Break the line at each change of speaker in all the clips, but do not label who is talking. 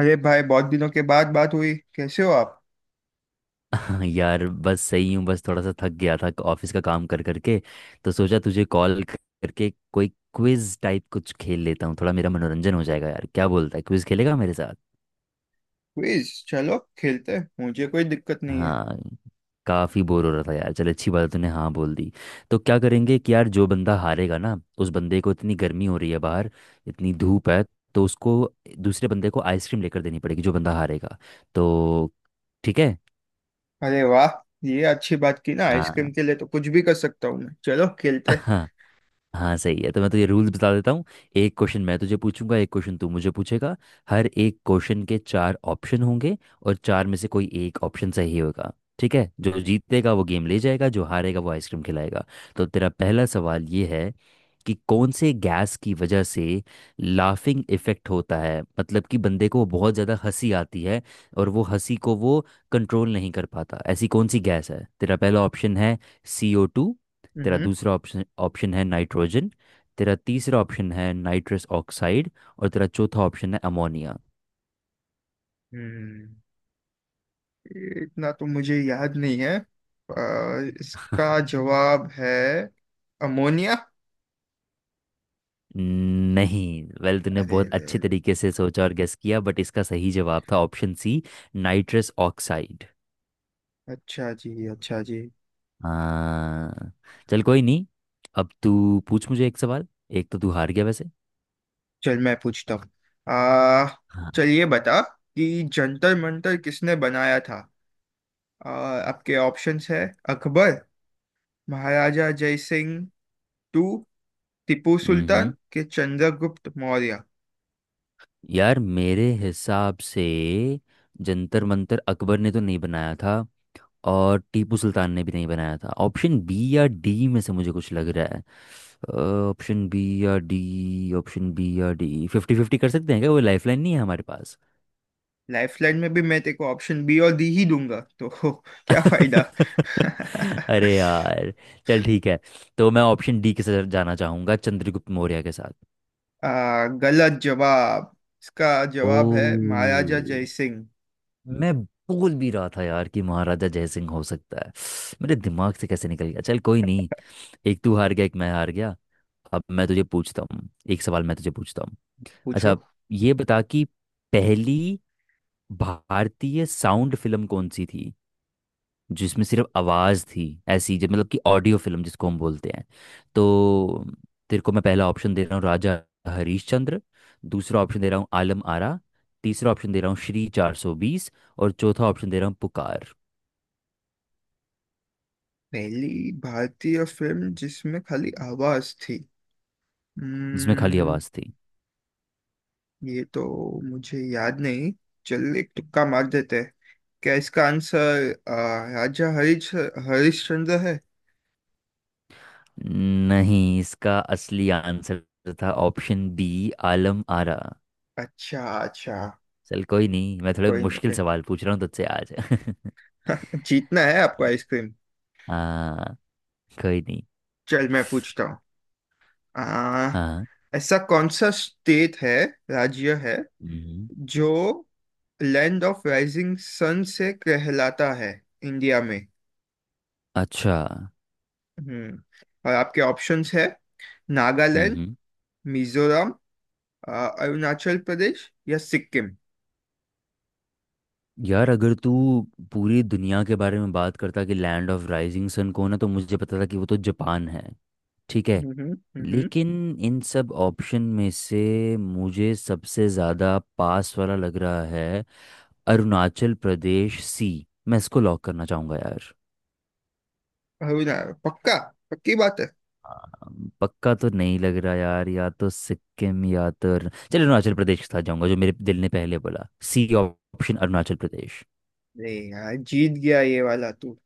अरे भाई, बहुत दिनों के बाद बात हुई। कैसे हो आप?
हाँ यार, बस सही हूँ। बस थोड़ा सा थक गया था ऑफिस का काम कर करके। तो सोचा तुझे कॉल करके कोई क्विज टाइप कुछ खेल लेता हूँ, थोड़ा मेरा मनोरंजन हो जाएगा। यार क्या बोलता है, क्विज खेलेगा मेरे साथ?
प्लीज, चलो खेलते हैं, मुझे कोई दिक्कत नहीं है।
हाँ, काफ़ी बोर हो रहा था यार। चल अच्छी बात है, तूने हाँ बोल दी। तो क्या करेंगे कि यार जो बंदा हारेगा ना, उस बंदे को, इतनी गर्मी हो रही है बाहर, इतनी धूप है, तो उसको, दूसरे बंदे को आइसक्रीम लेकर देनी पड़ेगी जो बंदा हारेगा। तो ठीक है।
अरे वाह! ये अच्छी बात की ना,
हाँ।
आइसक्रीम के लिए तो कुछ भी कर सकता हूँ मैं। चलो खेलते हैं।
हाँ सही है। तो मैं तुझे रूल्स बता देता हूँ। एक क्वेश्चन मैं तुझे पूछूंगा, एक क्वेश्चन तू मुझे पूछेगा। हर एक क्वेश्चन के चार ऑप्शन होंगे, और चार में से कोई एक ऑप्शन सही होगा। ठीक है? जो जीतेगा वो गेम ले जाएगा, जो हारेगा वो आइसक्रीम खिलाएगा। तो तेरा पहला सवाल ये है कि कौन से गैस की वजह से लाफिंग इफेक्ट होता है, मतलब कि बंदे को बहुत ज़्यादा हंसी आती है और वो हंसी को वो कंट्रोल नहीं कर पाता। ऐसी कौन सी गैस है? तेरा पहला ऑप्शन है CO2। तेरा
हम्म।
दूसरा ऑप्शन ऑप्शन है नाइट्रोजन। तेरा तीसरा ऑप्शन है नाइट्रस ऑक्साइड। और तेरा चौथा ऑप्शन है अमोनिया।
हम्म। ये इतना तो मुझे याद नहीं है, पर इसका जवाब है अमोनिया।
नहीं। वेल, तूने
अरे
बहुत
रे
अच्छे
रे।
तरीके से सोचा और गेस किया, बट इसका सही जवाब था ऑप्शन सी, नाइट्रस ऑक्साइड।
अच्छा जी, अच्छा जी।
हाँ, चल कोई नहीं। अब तू पूछ मुझे एक सवाल। एक तो तू हार गया वैसे।
चल, मैं पूछता हूँ। आ
हाँ।
चल, ये बता कि जंतर मंतर किसने बनाया था। आपके ऑप्शंस है: अकबर, महाराजा जय सिंह, टू, टीपू सुल्तान
हम्म।
के, चंद्रगुप्त मौर्य।
यार मेरे हिसाब से जंतर मंतर अकबर ने तो नहीं बनाया था, और टीपू सुल्तान ने भी नहीं बनाया था। ऑप्शन बी या डी में से मुझे कुछ लग रहा है। अ, ऑप्शन बी या डी, ऑप्शन बी या डी, फिफ्टी फिफ्टी कर सकते हैं क्या? वो लाइफलाइन नहीं है हमारे पास?
लाइफलाइन में भी मैं तेरे को ऑप्शन बी और डी ही दूंगा, तो क्या फायदा
अरे यार, चल ठीक है। तो मैं ऑप्शन डी के साथ जाना चाहूंगा, चंद्रगुप्त मौर्य के साथ।
गलत जवाब। इसका
ओ,
जवाब है महाराजा जय सिंह।
मैं बोल भी रहा था यार कि महाराजा जयसिंह हो सकता है। मेरे दिमाग से कैसे निकल गया! चल कोई नहीं, एक तू हार गया, एक मैं हार गया। अब मैं तुझे पूछता हूँ एक सवाल, मैं तुझे पूछता हूँ।
पूछो।
अच्छा, ये बता कि पहली भारतीय साउंड फिल्म कौन सी थी, जिसमें सिर्फ आवाज़ थी, ऐसी जो, मतलब कि ऑडियो फिल्म जिसको हम बोलते हैं। तो तेरे को मैं पहला ऑप्शन दे रहा हूँ, राजा हरीशचंद्र। दूसरा ऑप्शन दे रहा हूँ आलम आरा। तीसरा ऑप्शन दे रहा हूँ श्री 420। और चौथा ऑप्शन दे रहा हूँ पुकार।
पहली भारतीय फिल्म जिसमें खाली आवाज थी।
जिसमें खाली
हम्म।
आवाज़ थी।
ये तो मुझे याद नहीं। चल, एक तुक्का मार देते हैं। क्या इसका आंसर राजा हरिश्चंद्र है?
नहीं, इसका असली आंसर था ऑप्शन बी, आलम आरा।
अच्छा, अच्छा।
चल कोई नहीं, मैं थोड़े
कोई
मुश्किल
नहीं।
सवाल पूछ रहा हूँ तुझसे आज।
कोई जीतना है आपको आइसक्रीम।
हाँ, कोई नहीं।
चल, मैं पूछता हूँ। आ,
हाँ।
ऐसा कौन सा स्टेट है, राज्य है,
हम्म।
जो लैंड ऑफ राइजिंग सन से कहलाता है इंडिया में?
अच्छा।
हम्म। और आपके ऑप्शंस है: नागालैंड,
हम्म।
मिजोरम, अरुणाचल प्रदेश या सिक्किम।
यार अगर तू पूरी दुनिया के बारे में बात करता कि लैंड ऑफ राइजिंग सन कौन है, तो मुझे पता था कि वो तो जापान है, ठीक है।
हम्म। हम्म।
लेकिन इन सब ऑप्शन में से मुझे सबसे ज़्यादा पास वाला लग रहा है अरुणाचल प्रदेश, सी। मैं इसको लॉक करना चाहूँगा यार।
अरुणा पक्का? पक्की बात है।
पक्का तो नहीं लग रहा यार, या तो सिक्किम या तो चल अरुणाचल प्रदेश के साथ जाऊंगा, जो मेरे दिल ने पहले बोला, सी ऑप्शन, अरुणाचल प्रदेश।
नहीं यार, जीत गया ये वाला तू।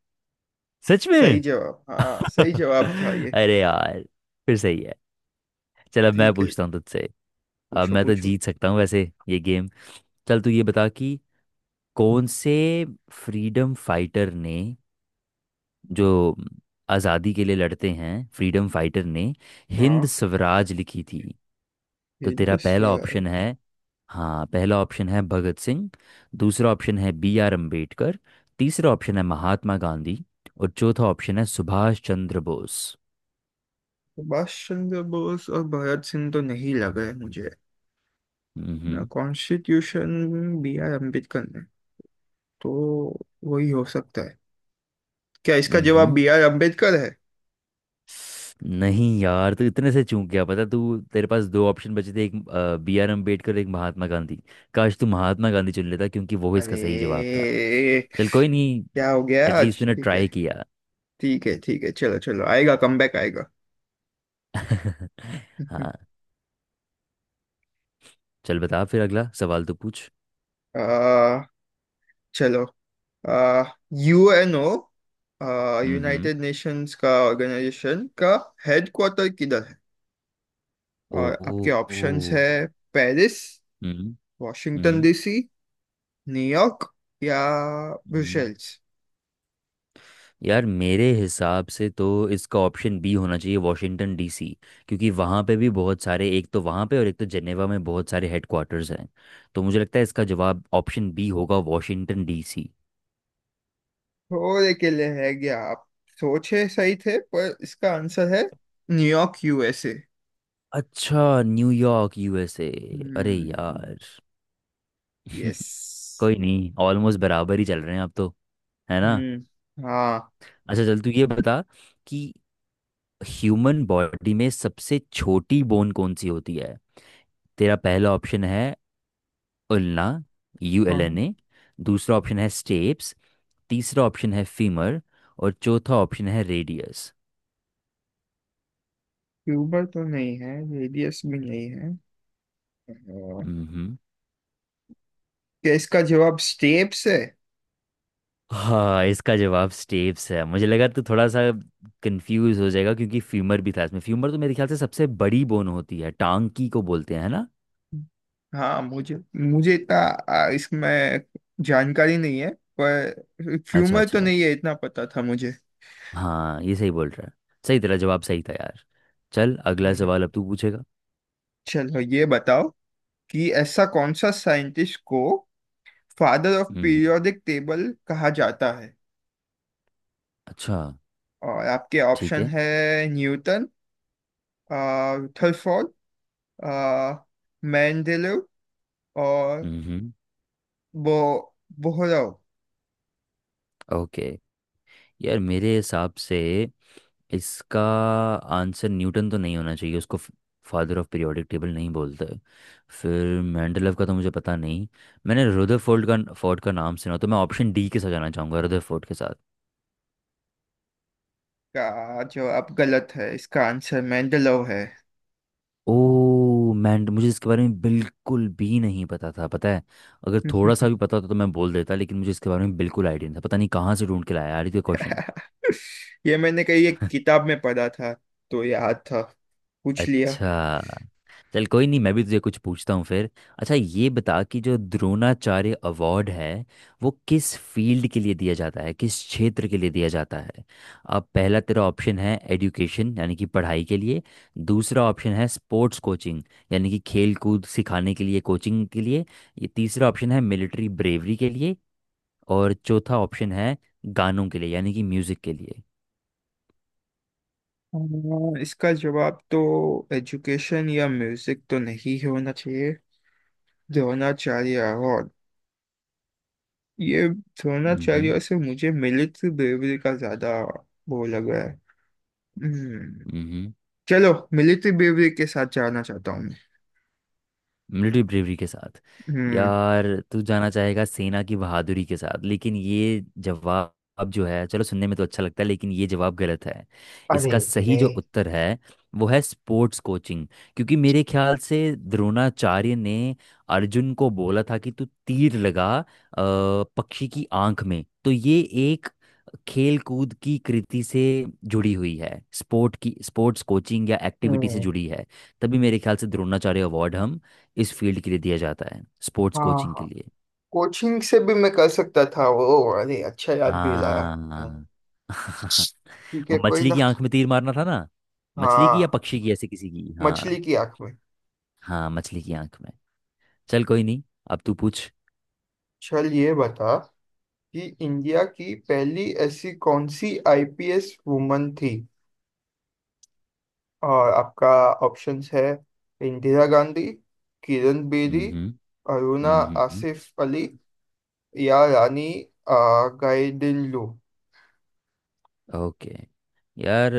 सच
सही
में?
जवाब! हाँ, सही जवाब था ये।
अरे यार, फिर सही है। चल अब मैं
ठीक है।
पूछता हूँ तुझसे। अब
पूछो,
मैं तो
पूछो।
जीत सकता हूँ वैसे ये गेम। चल तू ये बता कि कौन से फ्रीडम फाइटर ने, जो आज़ादी के लिए लड़ते हैं, फ्रीडम फाइटर ने हिंद
हाँ।
स्वराज लिखी थी। तो
हिंद
तेरा पहला ऑप्शन
स्वराज।
है, हाँ, पहला ऑप्शन है भगत सिंह। दूसरा ऑप्शन है बी आर अम्बेडकर। तीसरा ऑप्शन है महात्मा गांधी। और चौथा ऑप्शन है सुभाष चंद्र बोस।
सुभाष चंद्र बोस और भगत सिंह तो नहीं लग रहे मुझे।
हम्म।
ना, कॉन्स्टिट्यूशन बी आर अम्बेडकर ने, तो वही हो सकता है। क्या इसका जवाब
हम्म।
बी आर अम्बेडकर है?
नहीं यार, तू इतने से चूक गया, पता? तू, तेरे पास दो ऑप्शन बचे थे, एक बी आर अम्बेडकर, एक महात्मा गांधी। काश तू महात्मा गांधी चुन लेता, क्योंकि वो इसका सही जवाब था।
अरे!
चल कोई नहीं,
क्या हो गया आज?
एटलीस्ट तूने
ठीक है,
ट्राई किया।
ठीक है। ठीक है, चलो चलो, आएगा कमबैक आएगा।
हाँ, चल बता फिर, अगला सवाल तो पूछ।
आ, चलो। यूएनओ,
हम्म।
यूनाइटेड नेशंस का ऑर्गेनाइजेशन का हेडक्वार्टर किधर?
ओ।
और आपके ऑप्शंस
ओ।
है: पेरिस,
ओ।
वॉशिंगटन
हम्म।
डीसी, न्यूयॉर्क या
हम्म।
ब्रुसेल्स।
यार मेरे हिसाब से तो इसका ऑप्शन बी होना चाहिए, वॉशिंगटन डीसी। क्योंकि वहाँ पे भी बहुत सारे, एक तो वहाँ पे और एक तो जेनेवा में बहुत सारे हेडक्वार्टर्स हैं। तो मुझे लगता है इसका जवाब ऑप्शन बी होगा, वॉशिंगटन डीसी।
थोड़े के लिए है गया आप, सोचे सही थे, पर इसका आंसर है न्यूयॉर्क यूएसए।
अच्छा, न्यूयॉर्क यूएसए। अरे
हम्म।
यार।
यस।
कोई नहीं, ऑलमोस्ट बराबर ही चल रहे हैं अब तो, है ना?
हम्म। हाँ,
अच्छा चल, तू ये बता कि ह्यूमन बॉडी में सबसे छोटी बोन कौन सी होती है? तेरा पहला ऑप्शन है उल्ना, यू एल
हाँ।
N A. दूसरा ऑप्शन है स्टेप्स। तीसरा ऑप्शन है फीमर। और चौथा ऑप्शन है रेडियस।
क्यूबर तो नहीं है, रेडियस भी नहीं है। अ,
हम्म।
क्या इसका जवाब स्टेप्स है?
हाँ इसका जवाब स्टेप्स है। मुझे लगा तू थोड़ा सा कंफ्यूज हो जाएगा, क्योंकि फीमर भी था इसमें। फीमर तो मेरे ख्याल से सबसे बड़ी बोन होती है, टांग की को बोलते हैं, है ना?
हाँ, मुझे मुझे इतना इसमें जानकारी नहीं है। पर
अच्छा
ह्यूमर तो
अच्छा।
नहीं है, इतना पता था मुझे।
हाँ ये सही बोल रहा है, सही, तेरा जवाब सही था यार। चल अगला
अरे!
सवाल अब तू पूछेगा।
चलो, ये बताओ कि ऐसा कौन सा साइंटिस्ट को फादर ऑफ
हम्म।
पीरियोडिक टेबल कहा जाता है?
अच्छा।
और आपके
ठीक
ऑप्शन
है।
है: न्यूटन, आ, रदरफोर्ड, आ, मेंडेलीव और
हम्म।
बो बोहरोव
ओके। यार मेरे हिसाब से इसका आंसर न्यूटन तो नहीं होना चाहिए, उसको फादर ऑफ पीरियोडिक टेबल नहीं बोलते। फिर मेंडेलव का तो मुझे पता नहीं। मैंने रदरफोर्ड का फोर्ड का नाम सुना, तो मैं ऑप्शन डी के साथ जाना चाहूँगा, रदरफोर्ड के साथ।
का जो, अब गलत है। इसका आंसर मेंडेलीव है।
ओ, मैंड मुझे इसके बारे में बिल्कुल भी नहीं पता था, पता है? अगर थोड़ा सा भी पता होता तो मैं बोल देता, लेकिन मुझे इसके बारे में बिल्कुल आइडिया नहीं था। पता नहीं कहाँ से ढूंढ के लाया यार ये क्वेश्चन।
ये मैंने कहीं एक किताब में पढ़ा था, तो याद था, पूछ लिया।
अच्छा। चल कोई नहीं, मैं भी तुझे कुछ पूछता हूँ फिर। अच्छा ये बता कि जो द्रोणाचार्य अवार्ड है, वो किस फील्ड के लिए दिया जाता है, किस क्षेत्र के लिए दिया जाता है। अब पहला तेरा ऑप्शन है एजुकेशन, यानी कि पढ़ाई के लिए। दूसरा ऑप्शन है स्पोर्ट्स कोचिंग, यानी कि खेल कूद सिखाने के लिए, कोचिंग के लिए। ये तीसरा ऑप्शन है मिलिट्री ब्रेवरी के लिए। और चौथा ऑप्शन है गानों के लिए, यानी कि म्यूजिक के लिए।
इसका जवाब तो एजुकेशन या म्यूजिक तो नहीं होना चाहिए। द्रोणाचार्य अवार्ड, ये द्रोणाचार्य से मुझे मिलिट्री ब्रेवरी का ज्यादा वो लग रहा है। हम्म।
हम्म।
चलो, मिलिट्री ब्रेवरी के साथ जाना चाहता हूँ मैं।
मिलिट्री ब्रेवरी के साथ?
हम्म।
यार, तू जाना चाहेगा सेना की बहादुरी के साथ, लेकिन ये जवाब, जो है, चलो सुनने में तो अच्छा लगता है, लेकिन ये जवाब गलत है।
अरे
इसका सही
रे।
जो उत्तर है, वो है स्पोर्ट्स कोचिंग। क्योंकि मेरे ख्याल से द्रोणाचार्य ने अर्जुन को बोला था कि तू तीर लगा पक्षी की आंख में, तो ये खेल कूद की कृति से जुड़ी हुई है, स्पोर्ट की, स्पोर्ट्स कोचिंग या एक्टिविटी से
हम्म।
जुड़ी है। तभी मेरे ख्याल से द्रोणाचार्य अवार्ड हम इस फील्ड के लिए दिया जाता है, स्पोर्ट्स
हाँ,
कोचिंग के
हाँ।
लिए।
कोचिंग से भी मैं कर सकता था वो। अरे, अच्छा याद भी लाया। हम्म।
हाँ।
ठीक
वो
है, कोई
मछली
ना।
की आंख में तीर मारना था ना? मछली की या
हाँ,
पक्षी की, ऐसे किसी की, हाँ।
मछली की आंख में।
हाँ, मछली की आंख में। चल कोई नहीं, अब तू पूछ।
चल, ये बता कि इंडिया की पहली ऐसी कौन सी आईपीएस वुमन थी? और आपका ऑप्शंस है: इंदिरा गांधी, किरण
हम्म।
बेदी,
हम्म।
अरुणा
हम्म। हम्म।
आसिफ अली या रानी गाइडिनलो।
ओके। यार,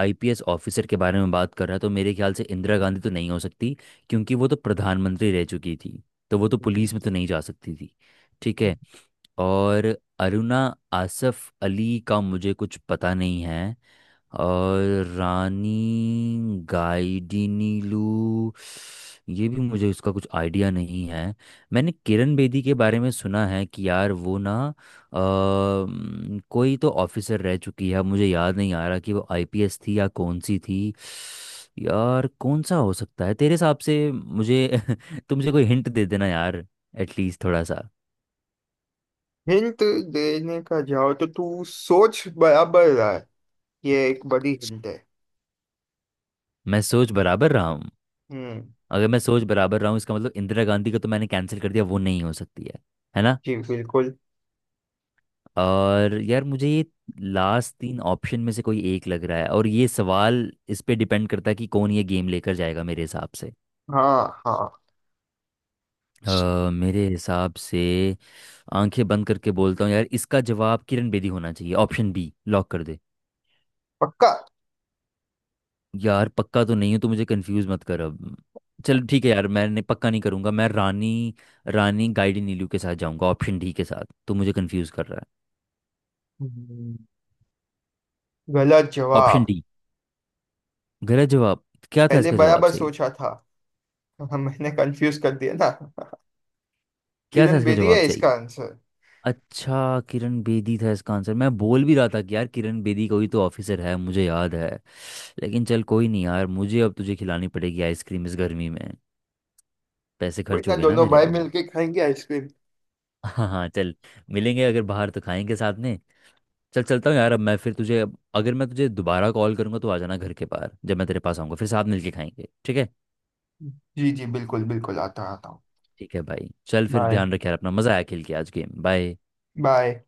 आईपीएस ऑफिसर के बारे में बात कर रहा है, तो मेरे ख्याल से इंदिरा गांधी तो नहीं हो सकती, क्योंकि वो तो प्रधानमंत्री रह चुकी थी, तो वो तो पुलिस में तो नहीं जा सकती थी, ठीक है। और अरुणा आसफ अली का मुझे कुछ पता नहीं है। और रानी गाइडिनीलू, ये भी मुझे उसका कुछ आइडिया नहीं है। मैंने किरण बेदी के बारे में सुना है कि यार वो ना, कोई तो ऑफिसर रह चुकी है, अब मुझे याद नहीं आ रहा कि वो आईपीएस थी या कौन सी थी। यार कौन सा हो सकता है तेरे हिसाब से मुझे? तुमसे कोई हिंट दे देना यार, एटलीस्ट थोड़ा सा।
हिंट देने का जाओ तो, तू सोच बराबर रहा है, ये एक बड़ी हिंट है।
मैं सोच बराबर रहा हूँ।
हम्म।
अगर मैं सोच बराबर रहा हूँ, इसका मतलब इंदिरा गांधी का तो मैंने कैंसिल कर दिया, वो नहीं हो सकती है ना।
जी बिल्कुल।
और यार मुझे ये लास्ट तीन ऑप्शन में से कोई एक लग रहा है, और ये सवाल इस पे डिपेंड करता है कि कौन ये गेम लेकर जाएगा मेरे हिसाब से।
हाँ, हाँ।
मेरे हिसाब से, आंखें बंद करके बोलता हूँ यार, इसका जवाब किरण बेदी होना चाहिए, ऑप्शन बी लॉक कर दे।
पक्का।
यार पक्का तो नहीं हूँ, तो मुझे कंफ्यूज मत कर अब। चल ठीक है यार, मैंने पक्का नहीं करूंगा। मैं रानी रानी गाइडी नीलू के साथ जाऊंगा, ऑप्शन डी के साथ। तो मुझे कंफ्यूज कर रहा है।
हम्म। गलत
ऑप्शन
जवाब।
डी। गलत जवाब? क्या था
पहले
इसका जवाब
बराबर
सही?
सोचा था। मैंने कंफ्यूज कर दिया ना।
क्या था
किरण
इसका
बेदी
जवाब
है इसका
सही?
आंसर।
अच्छा, किरण बेदी था इसका आंसर। मैं बोल भी रहा था कि यार किरण बेदी कोई तो ऑफिसर है मुझे याद है। लेकिन चल कोई नहीं, यार मुझे अब तुझे खिलानी पड़ेगी आइसक्रीम इस गर्मी में। पैसे
कोई
खर्च
ना,
हो गए ना
दोनों
मेरे
भाई
अब।
मिलके खाएंगे आइसक्रीम।
हाँ हाँ, चल। मिलेंगे अगर बाहर तो खाएंगे साथ में। चल, चलता हूँ यार अब मैं, फिर तुझे, अगर मैं तुझे दोबारा कॉल करूँगा तो आ जाना घर के बाहर, जब मैं तेरे पास आऊँगा, फिर साथ मिलके खाएंगे, ठीक है?
जी जी, बिल्कुल बिल्कुल, आता आता हूँ।
ठीक है भाई, चल फिर,
बाय।
ध्यान रख यार अपना। मज़ा आया खेल के आज गेम, बाय।
बाय।